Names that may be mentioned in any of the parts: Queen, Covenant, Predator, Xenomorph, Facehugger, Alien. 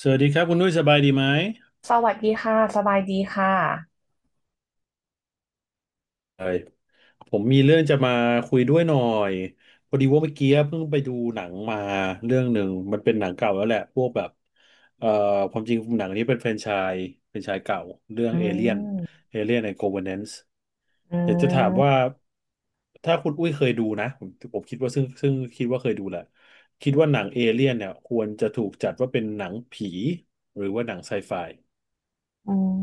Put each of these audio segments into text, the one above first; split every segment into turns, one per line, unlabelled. สวัสดีครับคุณนุ้ยสบายดีไหม
สวัสดีค่ะสบายดีค่ะ
เอ้ผมมีเรื่องจะมาคุยด้วยหน่อยพอดีว่าเมื่อกี้เพิ่งไปดูหนังมาเรื่องหนึ่งมันเป็นหนังเก่าแล้วแหละพวกแบบเอ่อความจริงหนังนี้เป็นส์แฟรนไชส์เก่าเรื่อง
อื
เอเลียน
ม
เอเลียนในโคเวเนนซ์
อื
อยากจะถาม
ม
ว่าถ้าคุณอุ้ยเคยดูนะผมคิดว่าซึ่งคิดว่าเคยดูแหละคิดว่าหนังเอเลียนเนี่ยควรจะถูกจัดว่าเป็นหนังผีหรือว่าหนังไซไฟ
อืม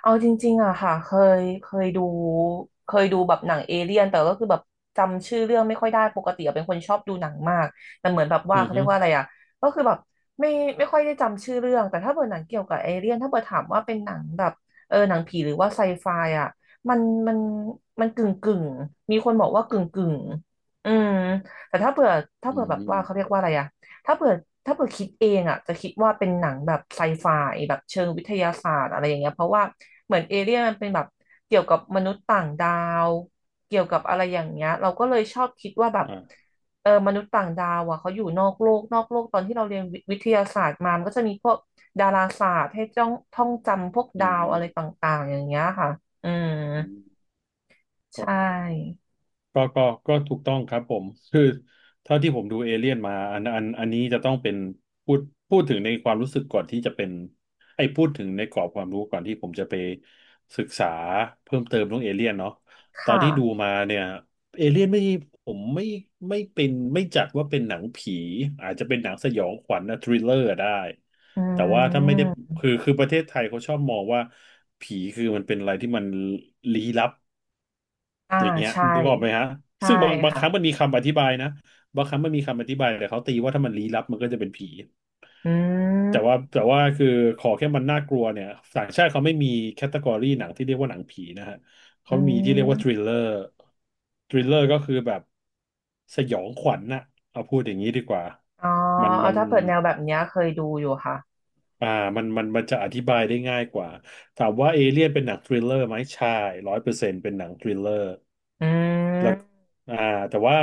เอาจริงๆอะค่ะเคยดูเคยดูแบบหนังเอเลี่ยนแต่ก็คือแบบจำชื่อเรื่องไม่ค่อยได้ปกติอะเป็นคนชอบดูหนังมากแต่เหมือนแบบ
อื
ว่า
อ
เขา
ฮึ
เรียกว่าอะไรอะก็คือแบบไม่ไม่ค่อยได้จำชื่อเรื่องแต่ถ้าเปิดหนังเกี่ยวกับเอเลี่ยนถ้าเปิดถามว่าเป็นหนังแบบเออหนังผีหรือว่าไซไฟอะมันมันมันกึ่งกึ่งมีคนบอกว่ากึ่งกึ่งอืมแต่ถ้าเผื่อถ้า
อ
เผื่อแบบว่าเขาเรี
ื
ยกว่าอะไรอะ ถ้าเผื่อถ้าเผื่อคิดเองอ่ะจะคิดว่าเป็นหนังแบบไซไฟแบบเชิงวิทยาศาสตร์อะไรอย่างเงี้ยเพราะว่าเหมือนเอเลี่ยนมันเป็นแบบเกี่ยวกับมนุษย์ต่างดาวเกี่ยวกับอะไรอย่างเงี้ยเราก็เลยชอบคิดว่าแบบ
ม
เออมนุษย์ต่างดาวอ่ะเขาอยู่นอกโลกนอกโลกตอนที่เราเรียนวิทยาศาสตร์มามันก็จะมีพวกดาราศาสตร์ให้จ้องท่องจำพวก
อื
ดาวอะไรต
ม
่างๆอย่างเงี้ยค่ะอืม
อืม
ใช
ก็
่
ก็ถูกต้องครับผมคือเท่าที่ผมดูเอเลี่ยนมาอันนี้จะต้องเป็นพูดพูดถึงในความรู้สึกก่อนที่จะเป็นไอ้พูดถึงในกรอบความรู้ก่อนที่ผมจะไปศึกษาเพิ่มเติมเรื่องเอเลี่ยนเนาะตอน
ค่ะ
ที่ดูมาเนี่ยเอเลี่ยนไม่ผมไม่ไม่เป็นไม่จัดว่าเป็นหนังผีอาจจะเป็นหนังสยองขวัญนะทริลเลอร์ได้
อื
แต่ว่าถ้าไม่ได้
ม
คือประเทศไทยเขาชอบมองว่าผีคือมันเป็นอะไรที่มันลี้ลับ
อ่า
อย่างเงี้ย
ใช่
นึกออกไหมฮะ
ใช่
ซึ่งบางค
ค่ะ
รั้งมันมีคำอธิบายนะบางครั้งมันมีคำอธิบายแต่เขาตีว่าถ้ามันลี้ลับมันก็จะเป็นผี
อื
แต่ว่า
ม
แต่ว่าคือขอแค่มันน่ากลัวเนี่ยต่างชาติเขาไม่มีแคตตากรีหนังที่เรียกว่าหนังผีนะฮะ
อื
เขามีที่เรียกว่าทริ
ม
ลเลอร์ทริลเลอร์ก็คือแบบสยองขวัญน่ะเอาพูดอย่างนี้ดีกว่า
อ๋อ
มัน
เอา
มัน
ถ้าเปิดแนวแบบเนี้ยเคยดูอยู่ค่ะ
อ่ามันมันจะอธิบายได้ง่ายกว่าถามว่าเอเลียนเป็นหนังทริลเลอร์ไหมใช่ร้อยเปอร์เซ็นต์เป็นหนังทริลเลอร์
อื
แล้ว
ม
อ่าแต่ว่า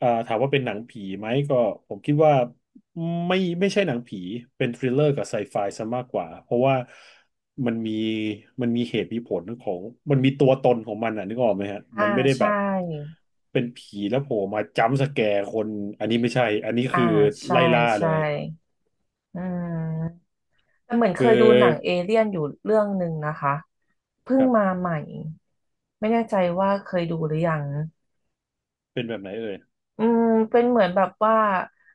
ถามว่าเป็นหนังผีไหมก็ผมคิดว่าไม่ไม่ใช่หนังผีเป็นทริลเลอร์กับไซไฟซะมากกว่าเพราะว่ามันมีมันมีเหตุมีผลของมันมีตัวตนของมันอ่ะนึกออกไหมฮะมั
อ่า
นไม่ได้แบ
ใช่
บเป็นผีแล้วโผล่มาจัมป์สแกร์คนอันนี้ไม่ใช่อันนี้
อ่า
คือ
ใช่
ไล่ล่าเล
ใช่
ย
อืมแต่เหมือน
คื
เค
อ
ยดูหนังเอเลี่ยนอยู่เรื่องหนึ่งนะคะเพิ่
ค
ง
รับ
มาใหม่ไม่แน่ใจว่าเคยดูหรือยัง
เป็นแบบไหนเอ่ย
อืมเป็นเหมือนแบบว่า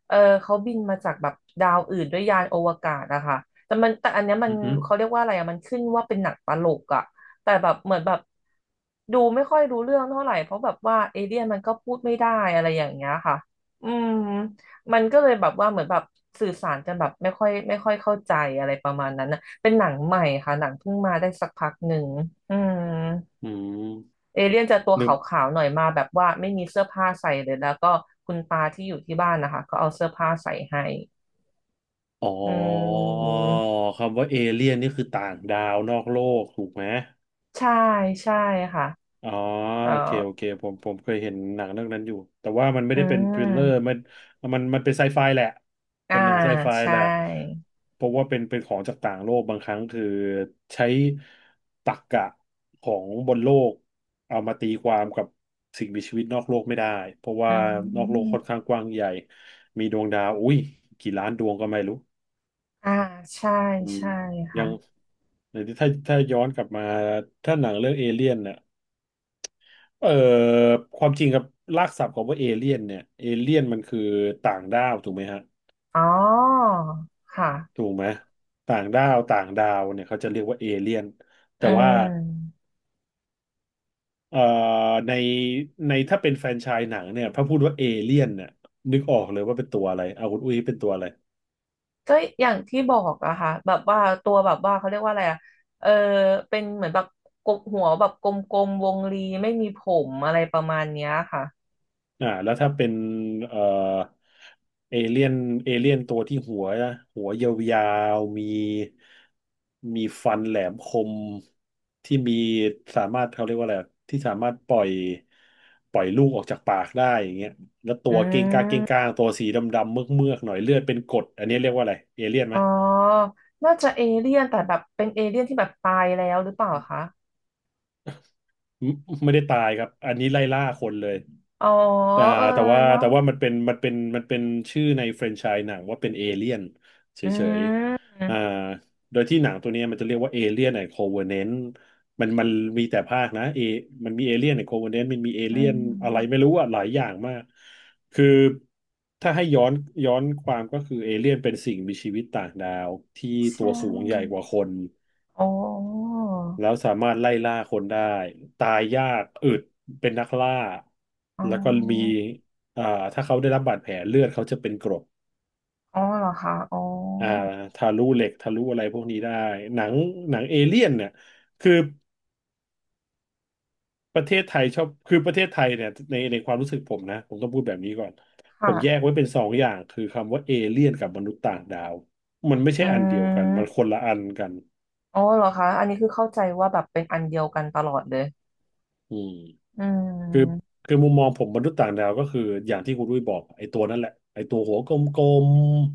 เออเขาบินมาจากแบบดาวอื่นด้วยยานอวกาศอะค่ะแต่มันแต่อันเนี้ยมัน
อือฮึ
เขาเรียกว่าอะไรอะมันขึ้นว่าเป็นหนังตลกอะแต่แบบเหมือนแบบดูไม่ค่อยรู้เรื่องเท่าไหร่เพราะแบบว่าเอเลี่ยนมันก็พูดไม่ได้อะไรอย่างเงี้ยค่ะอืมมันก็เลยแบบว่าเหมือนแบบสื่อสารกันแบบไม่ค่อยเข้าใจอะไรประมาณนั้นนะเป็นหนังใหม่ค่ะหนังเพิ่งมาได้สักพักหนึ่งอืม
อื
เอเลี่ยนจะตัวข
ม
าวๆหน่อยมาแบบว่าไม่มีเสื้อผ้าใส่เลยแล้วก็คุณตาที่อยู่ที่บ้านนะคะก็เอาเสื้อผ้าใส่ให้
อ๋อ
อืม
คำว่าเอเลี่ยนนี่คือต่างดาวนอกโลกถูกไหม
ใช่ใช่ค่ะ
อ๋อ
เออ
โอเคโอเคผมเคยเห็นหนังเรื่องนั้นอยู่แต่ว่ามันไม่
อื
ได้เป็นทริลเลอร์
ม
มันเป็นไซไฟแหละ
อ่า
เป็นหนังไซไฟ
ใช
แหละ
่
เพราะว่าเป็นของจากต่างโลกบางครั้งคือใช้ตรรกะของบนโลกเอามาตีความกับสิ่งมีชีวิตนอกโลกไม่ได้เพราะ
อื
ว่านอกโลกค่อน
ม
ข้างกว้างใหญ่มีดวงดาวอุ้ยกี่ล้านดวงก็ไม่รู้
อ่าใช่
อืม
ใช่
ยัง
ค่ะ
หรือถ้าถ้าย้อนกลับมาถ้าหนังเรื่องเอเลี่ยนเนี่ยเอ่อความจริงครับรากศัพท์ของว่าเอเลี่ยนเนี่ยเอเลี่ยนมันคือต่างดาวถูกไหมฮะ
อ๋อค่ะ
ถูกไหมต่างดาวต่างดาวเนี่ยเขาจะเรียกว่าเอเลี่ยน
อื
แต่ว่า
ม
เอ่อในในถ้าเป็นแฟรนไชส์หนังเนี่ยพอพูดว่าเอเลี่ยนเนี่ยนึกออกเลยว่าเป็นตัวอะไรเอาคุณอุ้ยเป็นตัวอะไร
ก็อย่างที่บอกอะค่ะแบบว่าตัวแบบว่าเขาเรียกว่าอะไรอะเออเป็นเหมือนแบบกบหัวแบบกลมๆวงรีไม่มีผมอะไรประมาณเนี้ยค่ะ
อ่าแล้วถ้าเป็นเอ่อเอเลี่ยนเอเลี่ยนตัวที่หัวหัวยาวๆมีมีฟันแหลมคมที่มีสามารถเขาเรียกว่าอะไรอะที่สามารถปล่อยลูกออกจากปากได้อย่างเงี้ยแล้วตั
อื
วเก้งก้างเก้
ม
งก้างตัวสีดำๆเมือกๆหน่อยเลือดเป็นกรดอันนี้เรียกว่าอะไรเอเลี่ยนไหม
อ๋อน่าจะเอเลี่ยนแต่แบบเป็นเอเลี่ยนที่แบบตายแล้วหรือเปล่าคะ
ไม่ไม่ได้ตายครับอันนี้ไล่ล่าคนเลย
อ๋อ
แต่
เออ
แต่ว่า
เนาะ
แต่ว่ามันเป็นชื่อในแฟรนไชส์หนังว่าเป็นเอเลี่ยนเฉ
อื
ย
ม
ๆอ่าโดยที่หนังตัวเนี้ยมันจะเรียกว่าเอเลี่ยนไอโคเวเนนมันมีแต่ภาคนะเอมันมีเอเลี่ยนไอโคเวเนนมันมีเอ
อื
เลี่ยนอะไรไม่
ม
รู้อะหลายอย่างมากคือถ้าให้ย้อนความก็คือเอเลี่ยนเป็นสิ่งมีชีวิตต่างดาวที่ตั
ใช่
วสูงใหญ่กว่าคน
อ๋อ
แล้วสามารถไล่ล่าคนได้ตายยากอึดเป็นนักล่า
อ๋
แล้วก็มี
อ
อ่าถ้าเขาได้รับบาดแผลเลือดเขาจะเป็นกรด
อ๋อเหรอคะอ๋อ
อ่าทะลุเหล็กทะลุอะไรพวกนี้ได้หนังหนังเอเลี่ยนเนี่ยคือประเทศไทยชอบคือประเทศไทยเนี่ยในความรู้สึกผมนะผมต้องพูดแบบนี้ก่อนผ
ค่ะ
มแยกไว้เป็นสองอย่างคือคำว่าเอเลี่ยนกับมนุษย์ต่างดาวมันไม่ใช่
อื
อันเดียวกันมันค
ม
นละอันกัน
อ๋อเหรอคะ อันนี้คือเข้าใจว่าแบบเป็นอันเดียวกันตลอดเลย
อืม
อื
คือ
ม
คือมุมมองผมมนุษย์ต่างดาวก็คืออย่างที่คุณดุ้ยบอกไอ้ตัวนั่นแหละไอ้ตัวหัวกลม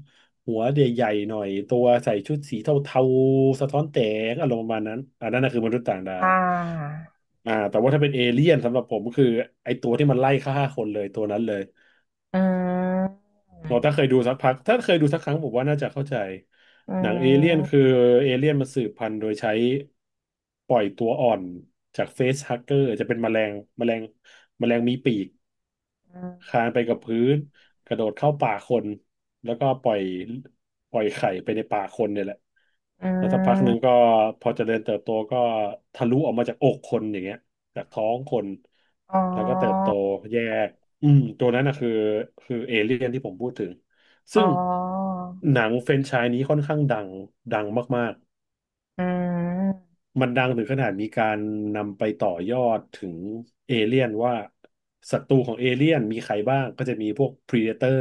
ๆหัวใหญ่ๆหน่อยตัวใส่ชุดสีเทาๆสะท้อนแสงอารมณ์ประมาณนั้นอันนั้นนะคือมนุษย์ต่างดา
อ่
ว
า
แต่ว่าถ้าเป็นเอเลี่ยนสำหรับผมก็คือไอ้ตัวที่มันไล่ฆ่าคนเลยตัวนั้นเลย
อืม
เราถ้าเคยดูสักพักถ้าเคยดูสักครั้งผมว่าน่าจะเข้าใจ
อื
หนังเอเลี่ยนคือ
ม
เอเลี่ยนมันสืบพันธุ์โดยใช้ปล่อยตัวอ่อนจากเฟสฮักเกอร์จะเป็นแมลงแมลงแมลงมีปีก
อืม
คลานไปกับพื้นกระโดดเข้าป่าคนแล้วก็ปล่อยไข่ไปในป่าคนเนี่ยแหละ
อื
แล้วสักพักหนึ่งก็
ม
พอเจริญเติบโตก็ทะลุออกมาจากอกคนอย่างเงี้ยจากท้องคน
อ๋
แล้วก็เติบโต
อ
แยกอืมตัวนั้นนะคือเอเลี่ยนที่ผมพูดถึง
อ๋
ซึ่
อ
งหนังแฟรนไชส์นี้ค่อนข้างดังดังมาก
อืม
มันดังถึงขนาดมีการนำไปต่อยอดถึงเอเลี่ยนว่าศัตรูของเอเลี่ยนมีใครบ้างก็จะมีพวก Predator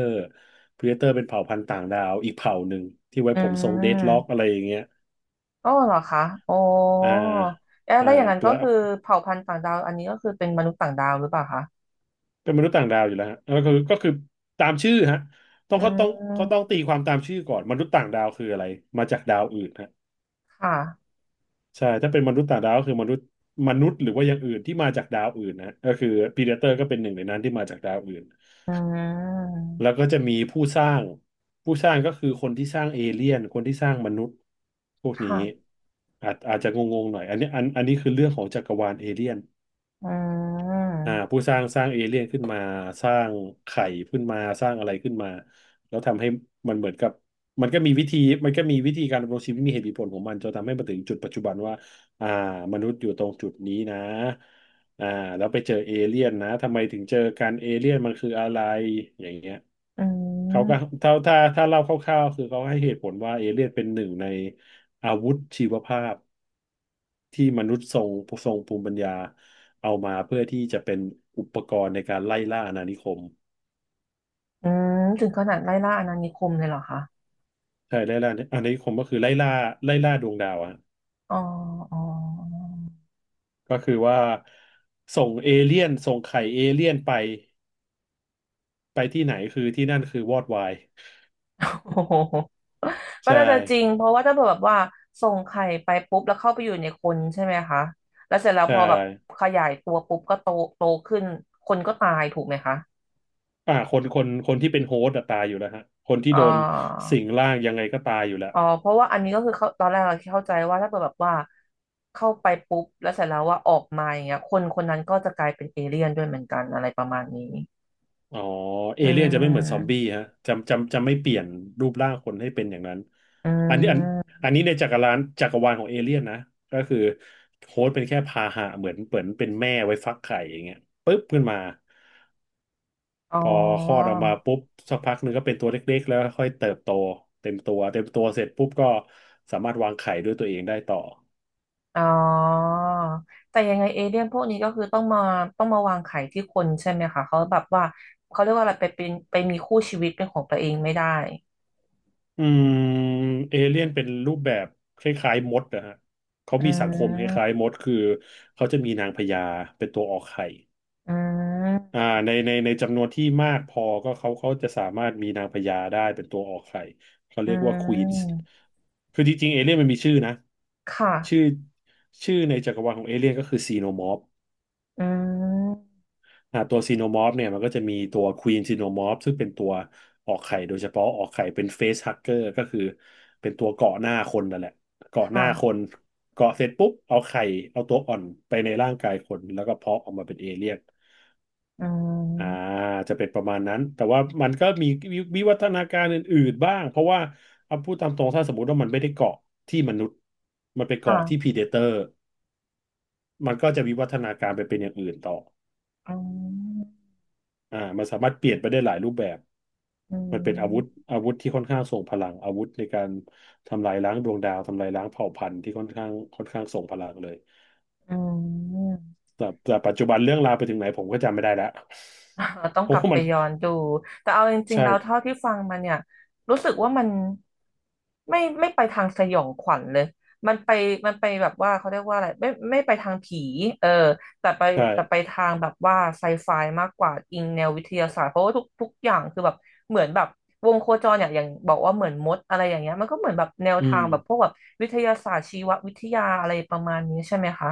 Predator เป็นเผ่าพันธุ์ต่างดาวอีกเผ่าหนึ่งที่ไว้
อื
ผมทรงเดดล็อกอะไร
ม
อย่างเงี้ย
โอ้เหรอคะโอ้
อ่า
เอ๊ะ
อ่า
แล้วอย่างนั้นก็
แล้ว
คือเผ่าพันธุ์ต่างดาวอันนี้ก็คือเป็นมนุษย์ต่างดาวหรือเปล่าคะ
เป็นมนุษย์ต่างดาวอยู่แล้วฮะแล้วก็คือตามชื่อฮะต้อง
อื
เขาต้องเขาต้อง
ม
ตีความตามชื่อก่อนมนุษย์ต่างดาวคืออะไรมาจากดาวอื่นฮะ
ค่ะ
ใช่ถ้าเป็นมนุษย์ต่างดาวก็คือมนุษย์หรือว่าอย่างอื่นที่มาจากดาวอื่นนะก็คือพีเดเตอร์ก็เป็นหนึ่งในนั้นที่มาจากดาวอื่น
อืม
แล้วก็จะมีผู้สร้าง ผู้สร้างก็คือคนที่สร้างเอเลี่ยน คนที่สร้างมนุษย์พวกนี้
ค่ะ
อาจจะงงๆหน่อยอันนี้อันนี้คือเรื่องของจักรวาลเอเลี่ยน
อืม
ผู้สร้างสร้างเอเลี่ยนขึ้นมาสร้างไข่ขึ้นมาสร้างอะไรขึ้นมาแล้วทำให้มันเหมือนกับมันก็มีวิธีมันก็มีวิธีการดำรงชีวิตมีเหตุมีผลของมันจนทำให้มาถึงจุดปัจจุบันว่าอ่ามนุษย์อยู่ตรงจุดนี้นะอ่าแล้วไปเจอเอเลี่ยนนะทำไมถึงเจอกันเอเลี่ยนมันคืออะไรอย่างเงี้ย
อื
เขาก็ถ้า
ม
ถ้าถ้าเล่าคร่าวๆคือเขาให้เหตุผลว่าเอเลี่ยนเป็นหนึ่งในอาวุธชีวภาพ ที่มนุษย์ทรงภูมิปัญญาเอามาเพื่อที่จะเป็นอุปกรณ์ในการไล่ล่าอาณานิคม
อืมถึงขนาดไล่ล่าอาณานิคมเลยเหรอคะ
ใช่ไล่ล่าอาณานิคมก็คือไล่ล่าดวงดาวอะ
อ๋อ อ๋อ
ก็คือว่าส่งเอเลี่ยนส่งไข่เอเลี่ยนไปไปที่ไหนคือที่นั่นคือวอดวาย
โอ้โหก็
ใช่
น่าจะจริงเพราะว่าถ้าเผื่อแบบว่าส่งไข่ไปปุ๊บแล้วเข้าไปอยู่ในคนใช่ไหมคะแล้วเสร็จแล้ว
ใช่
พอแบบขยายตัวปุ๊บก็โตโตขึ้นคนก็ตายถูกไหมคะ
คนที่เป็นโฮสต์อะตายอยู่แล้วฮะคนที่
อ่
โดน
า
สิงร่างยังไงก็ตายอยู่แล้ว
อ๋อเพราะว่าอันนี้ก็คือเขาตอนแรกเราเข้าใจว่าถ้าเกิดแบบว่าเข้าไปปุ๊บแล้วเสร็จแล้วว่าออกมาอย่างเงี้ยคนคนนั้นก็จะกลายเป็นเอเลี่ยนด้วยเหมือนกันอะไรประมาณนี้
อ๋อเอ
อื
เลี่ยนจะไม่เหมือนซอมบี้
ม
ฮะจะไม่เปลี่ยนรูปร่างคนให้เป็นอย่างนั้น
อื
อันนี้อัน
ม
อันนี้ในจักรวาลของเอเลี่ยนนะก็คือโฮสต์เป็นแค่พาหะเหมือนเป็นแม่ไว้ฟักไข่อย่างเงี้ยปุ๊บขึ้นมา
อ๋อ
พอคลอดออกมาปุ๊บสักพักหนึ่งก็เป็นตัวเล็กๆแล้วค่อยเติบโตเต็มตัวเสร็จปุ๊บก็สามารถวางไข่ด้วยตัวเองได้ต่อ
อ๋อ แต่ยังไงเอเลี่ยนพวกนี้ก็คือต้องมาวางไข่ที่คนใช่ไหมคะเขาแบบว่าเขาเรียกว่าอะไรไปเป็นไปมีคู่ชีวิตเป็นของตัวเองไม่ได้
อืมเอเลี่ยนเป็นรูปแบบคล้ายๆมดนะฮะ เขา
อื
มีสังคมคล้าย
ม
ๆมดคือเขาจะมีนางพญาเป็นตัวออกไข่
อื
อ่า
ม
ในจำนวนที่มากพอก็เขาจะสามารถมีนางพญาได้เป็นตัวออกไข่เขา
อื
เรียกว่าควีนส์
ม
คือจริงๆเอเลี่ยนมันมีชื่อนะ
ค
ชื่อ
่ะ
ชื่อในจักรวาลของเอเลี่ยนก็คือซีโนมอร์ฟ
อืม
ตัวซีโนมอร์ฟเนี่ยมันก็จะมีตัวควีนซีโนมอร์ฟซึ่งเป็นตัวออกไข่โดยเฉพาะออกไข่เป็นเฟสฮักเกอร์ก็คือเป็นตัวเกาะหน้าคนนั่นแหละเกาะหน้า
ค่ะ
คนเกาะเสร็จปุ๊บเอาไข่เอาตัวอ่อนไปในร่างกายคนแล้วก็เพาะออกมาเป็นเอเลี่ยน
อื
อ่า
ม
จะเป็นประมาณนั้นแต่ว่ามันก็มีวิวัฒนาการอื่นๆบ้างเพราะว่าเอาพูดตามตรงถ้าสมมติว่ามันไม่ได้เกาะที่มนุษย์มันไป
ค่ะ
เกาะที่พรีเดเตอร์มันก็จะวิวัฒนาการไปเป็นอย่างอื่นต่อ
อืม
มันสามารถเปลี่ยนไปได้หลายรูปแบบ
อื
มันเป็นอาวุธ
ม
อาวุธที่ค่อนข้างทรงพลังอาวุธในการทำลายล้างดวงดาวทำลายล้างเผ่าพันธุ์ที่ค่อนข้างทรงพลังเลย
อืม
แต่ปัจจุบันเรื่องราวไปถึงไหนผมก็จำไม่ได้แล้ว
อ่าต้อ ง
ผ
ก
ม
ลับ
ว่า
ไป
มัน
ย้อนดู แต่เอาจริง
ใช่
ๆแล้วเท่าที่ฟังมาเนี่ยรู้สึกว่ามันไม่ไม่ไปทางสยองขวัญเลยมันไปมันไปแบบว่าเขาเรียกว่าอะไรไม่ไม่ไปทางผีเออแต่ไป
ใช่
แต่ไปทางแบบว่าไซไฟมากกว่าอิงแนววิทยาศาสตร์เพราะว่าทุกอย่างคือแบบเหมือนแบบวงโคจรอย่างอย่างบอกว่าเหมือนมดอะไรอย่างเงี้ยมันก็เหมือนแบบแนว
อื
ทา
ม
งแบบพวกแบบวิทยาศาสตร์ชีววิทยาอะไรประมาณนี้ใช่ไหมคะ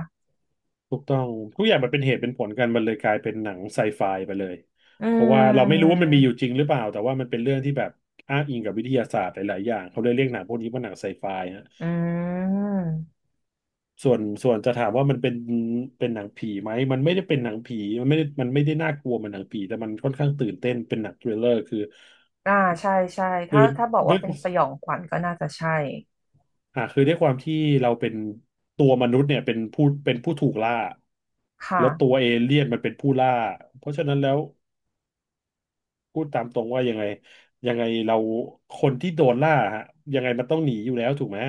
ถูกต้องทุกอย่างมันเป็นเหตุเป็นผลกันมันเลยกลายเป็นหนังไซไฟไปเลย
อื
เพราะว่าเราไม่รู้ว่ามันมีอยู่
ม
จริงหรือเปล่าแต่ว่ามันเป็นเรื่องที่แบบอ้างอิงกับวิทยาศาสตร์หลายๆอย่างเขาเลยเรียกหนังพวกนี้ว่าหนังไซไฟ
อืม
ส่วนจะถามว่ามันเป็นหนังผีไหม มันไม่ได้เป็นหนังผี มันไม่ได้น่ากลัวเหมันหนังผี แต่มันค่อนข้างตื่นเต้นเป็นหนังทริลเลอร์คือ
อ่าใช่ใช่
คื
ถ้า
อ
ถ้าบอก
ด้
ว่า
วย
เป็นสยองขวัญก็น่าจะใช่
คือด้วยความที่เราเป็นตัวมนุษย์เนี่ยเป็นผู้ถูกล่า
ค่ะ
แล้วตัวเอเลี่ยนมันเป็นผู้ล่าเพราะฉะนั้นแล้วพูดตามตรงว่ายังไงเราคนที่โดนล่าฮะยังไงมันต้องหนีอยู่แล้วถูกไหม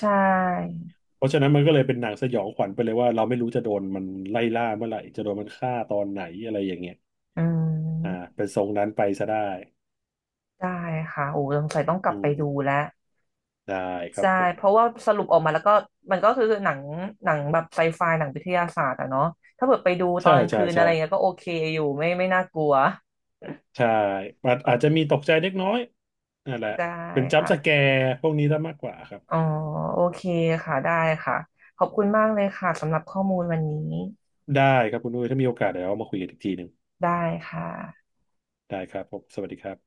ใช่
เพราะฉะนั้นมันก็เลยเป็นหนังสยองขวัญไปเลยว่าเราไม่รู้จะโดนมันไล่ล่าเมื่อไหร่จะโดนมันฆ่าตอนไหนอะไรอย่างเงี้ย
อื
อ่า
ม
เป็นทรงนั้นไปซะได้
ได้ค่ะโอ้สงสัยต้องกลับ
อื
ไป
ม
ดูแล้ว
ได้ครับ
ใช่
ผม
เพราะว่าสรุปออกมาแล้วก็มันก็คือหนังหนังแบบไซไฟหนังวิทยาศาสตร์อะเนาะถ้าเกิดไปดูตอ
ใช่
นกลาง
ใช่
คืนอะ
ใช่
ไรเงี้ยก็โอเคอยู่ไม่ไม่น่ากลัว
ใช่อาจ
เอ
อาจ
อ
จะมีตกใจเล็กน้อยนั่นแหละ
ได้
เป็นจัมป์
ค่ะ
สแกร์พวกนี้ซะมากกว่าครับ
อ๋อโอเคค่ะได้ค่ะขอบคุณมากเลยค่ะสำหรับข้อมูลวันนี้
ได้ครับคุณดุ้ยถ้ามีโอกาสเดี๋ยวเรามาคุยกันอีกทีหนึ่ง
ได้ค่ะ
ได้ครับผมสวัสดีครับ